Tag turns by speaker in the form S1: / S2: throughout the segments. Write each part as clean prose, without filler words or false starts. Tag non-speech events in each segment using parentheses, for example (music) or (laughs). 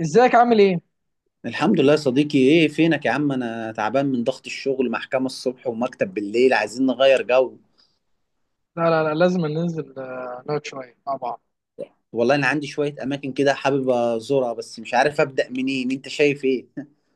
S1: ازيك عامل ايه؟
S2: الحمد لله يا صديقي، ايه فينك يا عم؟ انا تعبان من ضغط الشغل، محكمة الصبح ومكتب بالليل، عايزين نغير جو.
S1: لا لا لا، لازم ننزل، نقعد شويه مع بعض.
S2: والله انا عندي شوية اماكن كده حابب ازورها بس مش عارف ابدأ منين، انت شايف ايه؟ (laughs)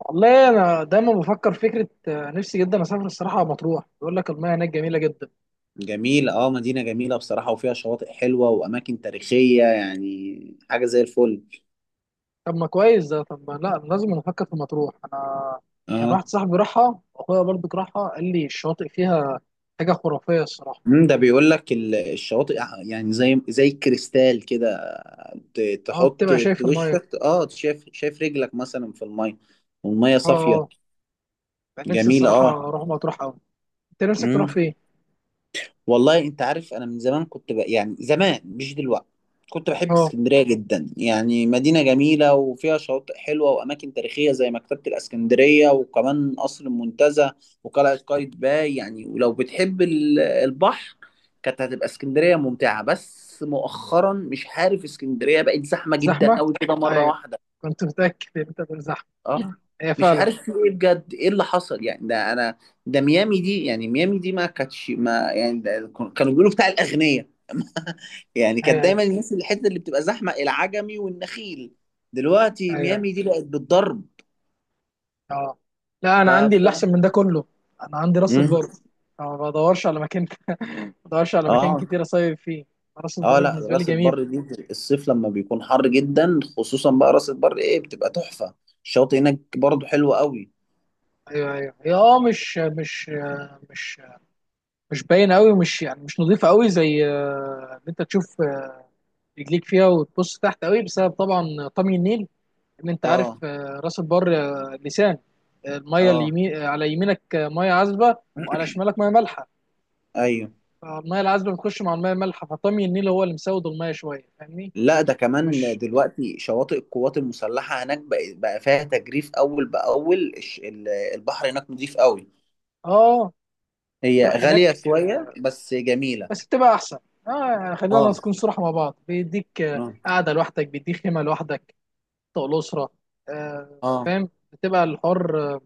S1: والله انا دايما بفكر فكره، نفسي جدا اسافر الصراحه. مطروح يقول لك المياه هناك جميله جدا.
S2: جميل، اه مدينة جميلة بصراحة وفيها شواطئ حلوة واماكن تاريخية يعني حاجة زي الفل.
S1: طب ما كويس ده، طب ما لا لازم نفكر في مطروح انا. كان
S2: اه.
S1: واحد صاحبي راحها واخويا برضو راحها، قال لي الشواطئ فيها حاجه خرافيه الصراحه.
S2: ده بيقول لك الشواطئ، يعني زي الكريستال كده.
S1: اه،
S2: تحط
S1: بتبقى شايف المياه.
S2: وشك، اه، شايف رجلك مثلا في المية والمية
S1: اه،
S2: صافية.
S1: اه، كان نفسي الصراحه
S2: جميلة.
S1: اروح مطروح قوي. انت نفسك
S2: اه،
S1: تروح فين؟
S2: والله انت عارف انا من زمان كنت يعني زمان مش دلوقتي، كنت بحب
S1: اه.
S2: اسكندرية جدا، يعني مدينة جميلة وفيها شواطئ حلوة وأماكن تاريخية زي مكتبة الإسكندرية وكمان قصر المنتزه وقلعة قايتباي، يعني ولو بتحب البحر كانت هتبقى اسكندرية ممتعة. بس مؤخرا مش عارف، اسكندرية بقت زحمة جدا
S1: زحمه؟
S2: أوي كده مرة
S1: ايوه.
S2: واحدة.
S1: كنت متاكد ان انت تقول زحمه.
S2: اه.
S1: هي
S2: مش
S1: فعلا.
S2: عارف في ايه بجد، ايه اللي حصل يعني؟ ده انا، ده ميامي دي، يعني ميامي دي ما كانتش، ما يعني ده كانوا بيقولوا بتاع الأغنياء. (laughs) يعني
S1: ايوه،
S2: كانت
S1: ايوه،
S2: دايما الناس اللي الحته اللي بتبقى زحمه العجمي والنخيل، دلوقتي
S1: ايوه،
S2: ميامي دي بقت بالضرب.
S1: اه. لا، انا عندي اللي
S2: فبصراحه.
S1: احسن من ده كله. انا عندي راس
S2: مم.
S1: البر. أنا ما بدورش على مكان، ما بدورش على مكان
S2: اه.
S1: كتير اصيف فيه. راس
S2: اه.
S1: البر
S2: لا
S1: بالنسبه لي
S2: راس
S1: جميله.
S2: البر دي الصيف لما بيكون حر جدا خصوصا بقى راس البر ايه بتبقى تحفه، الشاطئ هناك برضو حلو قوي.
S1: ايوه، ايوه، هي اه، مش مش باينه قوي، مش يعني مش نظيفه قوي، زي ان انت تشوف رجليك فيها وتبص تحت قوي بسبب طبعا طمي النيل. ان انت عارف
S2: اه
S1: راس البر لسان، الميه
S2: اه.
S1: اليمين على يمينك ميه عذبه، وعلى شمالك ميه مالحه.
S2: ايوه.
S1: فالميه العذبه بتخش مع الميه المالحه، فطمي النيل هو اللي مسود الميه شويه، فاهمني.
S2: لا ده كمان
S1: مش،
S2: دلوقتي شواطئ القوات المسلحه هناك بقى، بقى فيها تجريف اول باول، البحر هناك نضيف قوي،
S1: اه،
S2: هي
S1: تروح هناك
S2: غاليه شويه بس جميله.
S1: بس بتبقى احسن. اه، يعني خلينا
S2: اه.
S1: نكون صراحة مع بعض، بيديك
S2: اه.
S1: قاعدة لوحدك، بيديك خيمة لوحدك طول الأسرة. آه
S2: اه.
S1: فاهم، بتبقى الحر،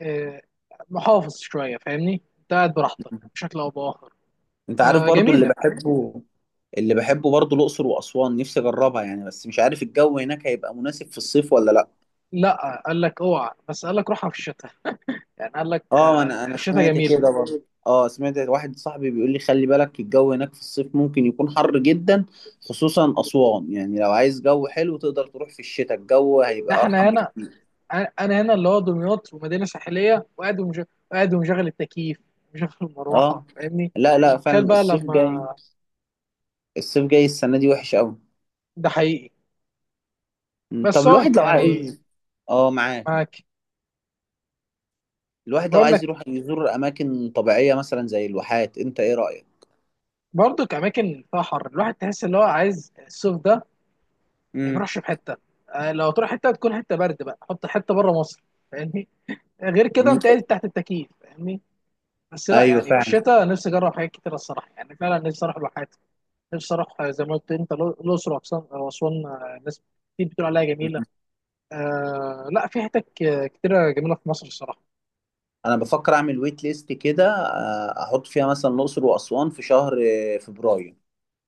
S1: آه، محافظ شوية، فاهمني. انت قاعد براحتك بشكل أو بآخر،
S2: انت عارف برضو اللي
S1: فجميلة.
S2: بحبه، اللي بحبه برضو الاقصر واسوان، نفسي اجربها يعني بس مش عارف الجو هناك هيبقى مناسب في الصيف ولا لا.
S1: لا، قال لك اوعى، بس قال لك روحها في الشتاء. يعني قال لك
S2: اه، انا
S1: الشتاء
S2: سمعت
S1: جميلة.
S2: كده برضو، اه سمعت واحد صاحبي بيقول لي خلي بالك الجو هناك في الصيف ممكن يكون حر جدا، خصوصا اسوان، يعني لو عايز جو حلو تقدر تروح في الشتاء، الجو
S1: ده
S2: هيبقى
S1: احنا
S2: ارحم
S1: هنا.
S2: بكتير.
S1: انا هنا اللي هو دمياط ومدينة ساحلية وقاعد وقاعد ومشغل التكييف ومشغل المروحة،
S2: اه.
S1: فاهمني.
S2: لا فعلا
S1: تخيل بقى
S2: الصيف جاي،
S1: لما،
S2: الصيف جاي السنه دي وحش قوي.
S1: ده حقيقي،
S2: طب
S1: بس هو
S2: الواحد لو
S1: يعني،
S2: عايز، اه معاك،
S1: معاك.
S2: الواحد لو
S1: بقول
S2: عايز
S1: لك،
S2: يروح يزور اماكن طبيعيه مثلا زي الواحات، انت ايه رايك؟
S1: برضك اماكن فيها حر، الواحد تحس اللي هو عايز الصيف ده ما
S2: امم.
S1: يروحش في حته. لو تروح حته تكون حته برد بقى، حط حته بره مصر، فاهمني. غير كده انت قاعد تحت التكييف، فاهمني. بس لا،
S2: ايوه
S1: يعني في
S2: فعلا.
S1: الشتاء نفسي اجرب حاجات كتير الصراحه، يعني فعلا نفسي اروح الواحات. نفسي اروح زي ما قلت انت الاقصر واسوان، ناس كتير بتقول عليها جميله.
S2: مم.
S1: آه، لا في حتت كتيره جميله في مصر الصراحه.
S2: انا بفكر اعمل ويت ليست كده، احط فيها مثلا الاقصر واسوان في شهر فبراير،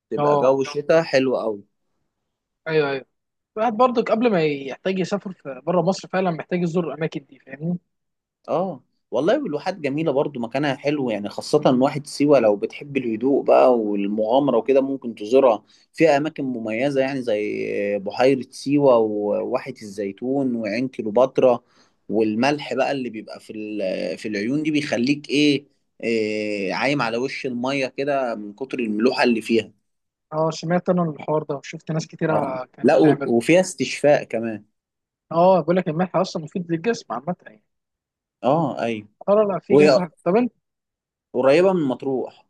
S2: تبقى
S1: اه،
S2: جو شتاء حلو قوي.
S1: ايوه، ايوه. الواحد برضك قبل ما يحتاج يسافر في بره مصر، فعلا محتاج يزور الاماكن دي، فاهمني.
S2: اه، والله والواحات جميلة برضو، مكانها حلو يعني، خاصة واحد سيوة لو بتحب الهدوء بقى والمغامرة وكده ممكن تزورها، فيها أماكن مميزة يعني زي بحيرة سيوة وواحة الزيتون وعين كليوباترا، والملح بقى اللي بيبقى في ال- (hesitation) في العيون دي بيخليك إيه، إيه عايم على وش المية كده من كتر الملوحة اللي فيها.
S1: اه، سمعت انا الحوار ده وشفت ناس
S2: اه،
S1: كتيره كانت
S2: لا
S1: بتعمله.
S2: وفيها استشفاء كمان.
S1: اه، بقول لك الملح اصلا مفيد للجسم عامه يعني.
S2: اه أيوة.
S1: اه، لا في
S2: وهي
S1: كذا حاجة. طب انت،
S2: قريبة من مطروح.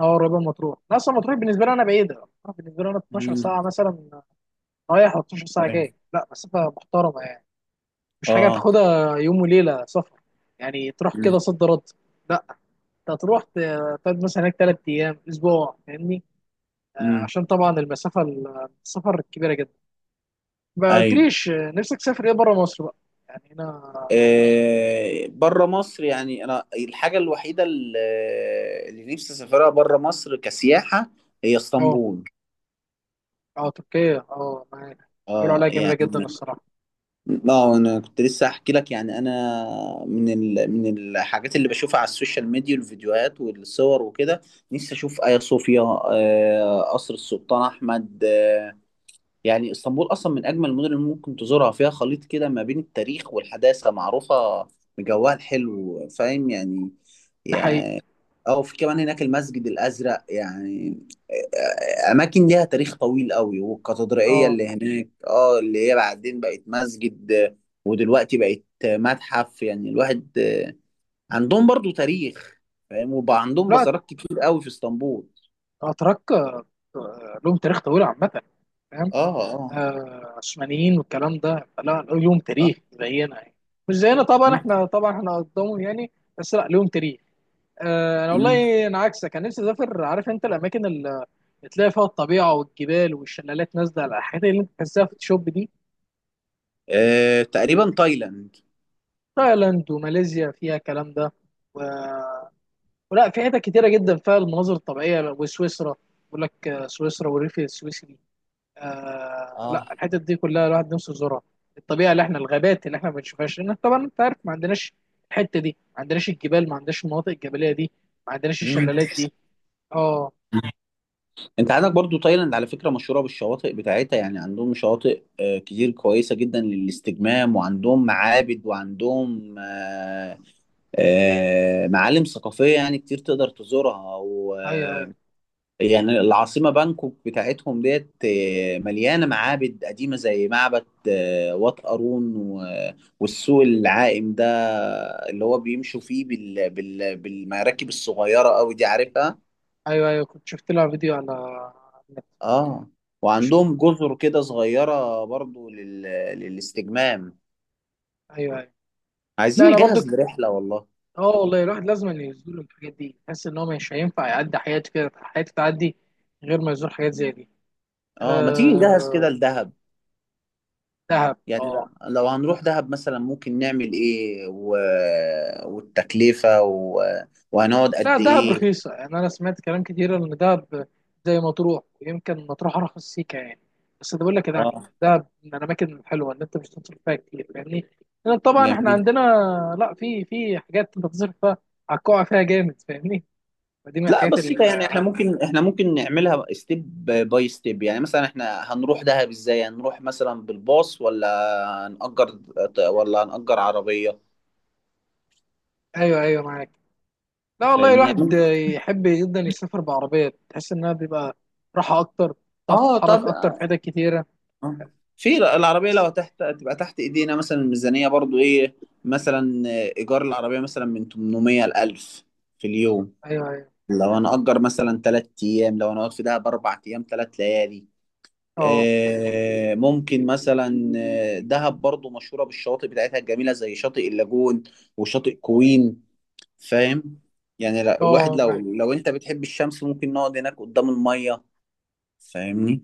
S1: اه، قريبه من مطروح. أنا اصلا مطروح بالنسبه لي انا بعيده، مطروح بالنسبه لي انا
S2: امم.
S1: 12 ساعه مثلا رايح، و 12 ساعه
S2: أيوة.
S1: جاي، لا مسافه محترمه يعني، مش حاجه
S2: اه.
S1: تاخدها يوم وليله سفر. يعني تروح كده صد رد، لا، انت هتروح تقعد مثلا هناك ثلاث ايام اسبوع، فاهمني.
S2: مم.
S1: عشان طبعا المسافه السفر كبيره جدا. ما
S2: ايوه.
S1: قلتليش نفسك تسافر ايه بره مصر بقى، يعني هنا.
S2: آه، بره مصر يعني انا الحاجه الوحيده اللي، اللي نفسي اسافرها بره مصر كسياحه، هي
S1: اه،
S2: اسطنبول.
S1: اه، تركيا، اه، معاك. بيقولوا
S2: اه
S1: عليها جميله
S2: يعني،
S1: جدا الصراحه.
S2: اه انا كنت لسه احكي لك يعني انا من من الحاجات اللي بشوفها على السوشيال ميديا والفيديوهات والصور وكده، نفسي اشوف ايا صوفيا، آه قصر السلطان احمد، آه يعني اسطنبول اصلا من اجمل المدن اللي ممكن تزورها، فيها خليط كده ما بين التاريخ والحداثه، معروفه بجوها الحلو فاهم يعني،
S1: ده حقيقي.
S2: يعني او في كمان هناك المسجد الازرق، يعني اماكن ليها تاريخ طويل قوي، والكاتدرائيه
S1: اه،
S2: اللي هناك اه اللي هي بعدين بقت مسجد ودلوقتي بقت متحف، يعني الواحد عندهم برضو تاريخ فاهم، وبقى عندهم
S1: لا
S2: بصرات كتير قوي في اسطنبول.
S1: اتراك لهم تاريخ طويل عامه، فاهم.
S2: اه اه
S1: عثمانيين والكلام ده، لا لهم
S2: اه,
S1: تاريخ زينا يعني. مش زينا طبعا،
S2: آه.
S1: احنا طبعا احنا قدامهم يعني. بس لا، لهم تاريخ. انا والله انا عكسك، انا نفسي اسافر. عارف انت الاماكن اللي بتلاقي فيها الطبيعه والجبال والشلالات نازله على الحاجات اللي انت بتحسها في الشوب دي.
S2: تقريبا تايلاند.
S1: تايلاند وماليزيا فيها الكلام ده، و... ولا في حتت كتيرة جدا فيها المناظر الطبيعية، وسويسرا بيقول لك سويسرا والريف السويسري. آه
S2: اه.
S1: لا، الحتت دي كلها الواحد نفسه يزورها. الطبيعة اللي احنا، الغابات اللي احنا ما بنشوفهاش، لأن طبعا انت عارف ما عندناش الحتة دي، ما عندناش الجبال، ما عندناش المناطق الجبلية دي، ما عندناش
S2: مم.
S1: الشلالات دي. اه،
S2: انت عندك برضو تايلاند على فكرة مشهورة بالشواطئ بتاعتها، يعني عندهم شواطئ كتير كويسة جدا للاستجمام، وعندهم معابد وعندهم معالم ثقافية يعني كتير تقدر تزورها و
S1: ايوه، ايوه،
S2: آه، يعني العاصمة بانكوك بتاعتهم ديت مليانة معابد قديمة زي معبد وات ارون والسوق العائم ده اللي هو بيمشوا فيه بالمراكب الصغيرة قوي دي عارفها.
S1: ايوه، ايوه، كنت شفت لها فيديو على النت.
S2: اه.
S1: مش-
S2: وعندهم جزر كده صغيرة برضو للاستجمام.
S1: ايوه، ايوه.
S2: عايزين
S1: لا، انا برضو.
S2: نجهز لرحلة والله.
S1: اه، والله الواحد لازم أن يزور الحاجات دي، يحس ان هو مش هينفع يعدي حياته كده، حياته تعدي غير ما يزور حاجات زي دي.
S2: اه، ما تيجي نجهز كده
S1: آه،
S2: لدهب؟
S1: دهب،
S2: يعني
S1: اه.
S2: لو هنروح دهب مثلا ممكن نعمل ايه، والتكلفة، وهنقعد
S1: لا،
S2: قد
S1: دهب
S2: ايه؟
S1: رخيصة، يعني انا سمعت كلام كتير ان دهب زي مطروح، ويمكن مطروح ارخص سيكا يعني. بس ده بقول لك يعني
S2: اه.
S1: دهب من الاماكن الحلوة ان انت مش هتصرف فيها كتير، فاهمني. لان طبعا احنا
S2: جميل.
S1: عندنا، لا في حاجات انت تصرف فيها، هتقع فيها جامد، فاهمني. فدي من
S2: لا
S1: الحاجات
S2: بسيطة يعني، احنا ممكن، احنا ممكن نعملها ستيب باي ستيب، يعني مثلا احنا هنروح دهب ازاي؟ هنروح مثلا بالباص ولا هنأجر، ولا هنأجر عربية؟
S1: ايوه، ايوه، معاك. لا والله
S2: فاهمني
S1: الواحد
S2: يعني.
S1: يحب جدا يسافر بعربية، تحس إنها بيبقى راحة أكتر، تعرف
S2: اه
S1: تتحرك
S2: طب،
S1: أكتر في حتت كتيرة.
S2: آه، في العربية
S1: بس
S2: لو تحت تبقى تحت ايدينا، مثلا الميزانية برضو ايه، مثلا ايجار العربية مثلا من 800 ل 1000 في اليوم،
S1: أيوه، أيوه،
S2: لو انا اجر مثلا 3 ايام، لو انا اقعد في دهب 4 ايام 3 ليالي،
S1: أه،
S2: ممكن مثلا، دهب برضو مشهورة بالشواطئ بتاعتها الجميلة زي شاطئ اللاجون وشاطئ كوين، فاهم يعني، الواحد
S1: أه،
S2: لو،
S1: معاك.
S2: لو انت بتحب الشمس ممكن نقعد هناك قدام المية، فاهمني.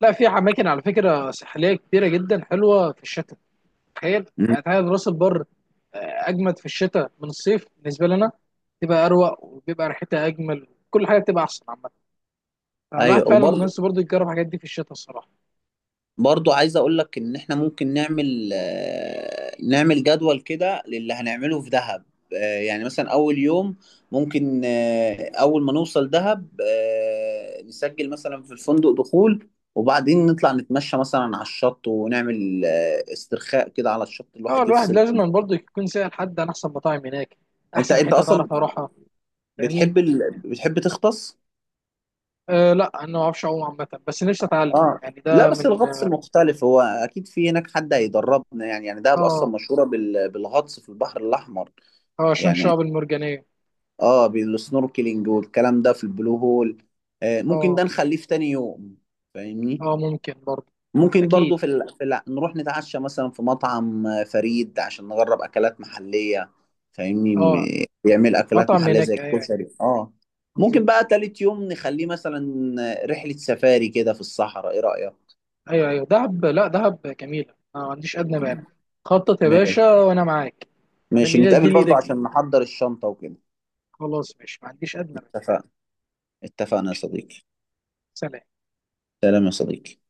S1: لا في أماكن على فكرة ساحلية كتيرة جدا حلوة في الشتاء. تخيل
S2: مم.
S1: يعني، تخيل راس البر أجمد في الشتاء من الصيف بالنسبة لنا. تبقى أروق وبيبقى ريحتها أجمل، كل حاجة بتبقى أحسن عامة. فالواحد
S2: ايوه
S1: فعلا
S2: وبرضه،
S1: الناس برضه يجرب الحاجات دي في الشتاء الصراحة.
S2: برضو عايز اقول لك ان احنا ممكن نعمل، نعمل جدول كده للي هنعمله في دهب، يعني مثلا اول يوم ممكن، اول ما نوصل دهب نسجل مثلا في الفندق دخول، وبعدين نطلع نتمشى مثلا على الشط ونعمل استرخاء كده على الشط
S1: اه،
S2: الواحد
S1: الواحد
S2: يفصل.
S1: لازم برضه يكون سائل حد عن احسن مطاعم هناك،
S2: انت
S1: احسن
S2: انت
S1: حته
S2: اصلا
S1: تعرف اروحها، فاهمني.
S2: بتحب بتحب تغطس؟
S1: آه، لا انا ما اعرفش اعوم عامه، بس نفسي اتعلم
S2: اه
S1: يعني.
S2: لا،
S1: ده
S2: بس
S1: من،
S2: الغطس مختلف، هو اكيد في هناك حد هيدربنا يعني، يعني دهب اصلا
S1: اه،
S2: مشهورة بالغطس في البحر الاحمر
S1: اه، عشان
S2: يعني،
S1: الشعب المرجانيه.
S2: اه بالسنوركلينج والكلام ده في البلو هول. آه ممكن
S1: اه،
S2: ده نخليه في تاني يوم، فاهمني.
S1: اه، ممكن برضه،
S2: ممكن برضو
S1: اكيد.
S2: في، نروح نتعشى مثلا في مطعم فريد عشان نجرب اكلات محلية، فاهمني،
S1: اه،
S2: بيعمل اكلات
S1: مطعم
S2: محلية زي
S1: هناك، ايوه، أيوة،
S2: الكشري اه. ممكن بقى
S1: بالظبط.
S2: تالت يوم نخليه مثلا رحلة سفاري كده في الصحراء، ايه رأيك؟
S1: ايوه، ايوه، دهب، لا دهب جميله، انا ما عنديش ادنى مانع. خطط يا
S2: ماشي.
S1: باشا وانا معاك. انا
S2: ماشي
S1: من ايدك دي
S2: نتقابل برضو
S1: لايدك دي.
S2: عشان نحضر الشنطة وكده.
S1: خلاص ماشي، ما عنديش ادنى مانع.
S2: اتفقنا. اتفقنا يا صديقي.
S1: سلام.
S2: سلام يا صديقي.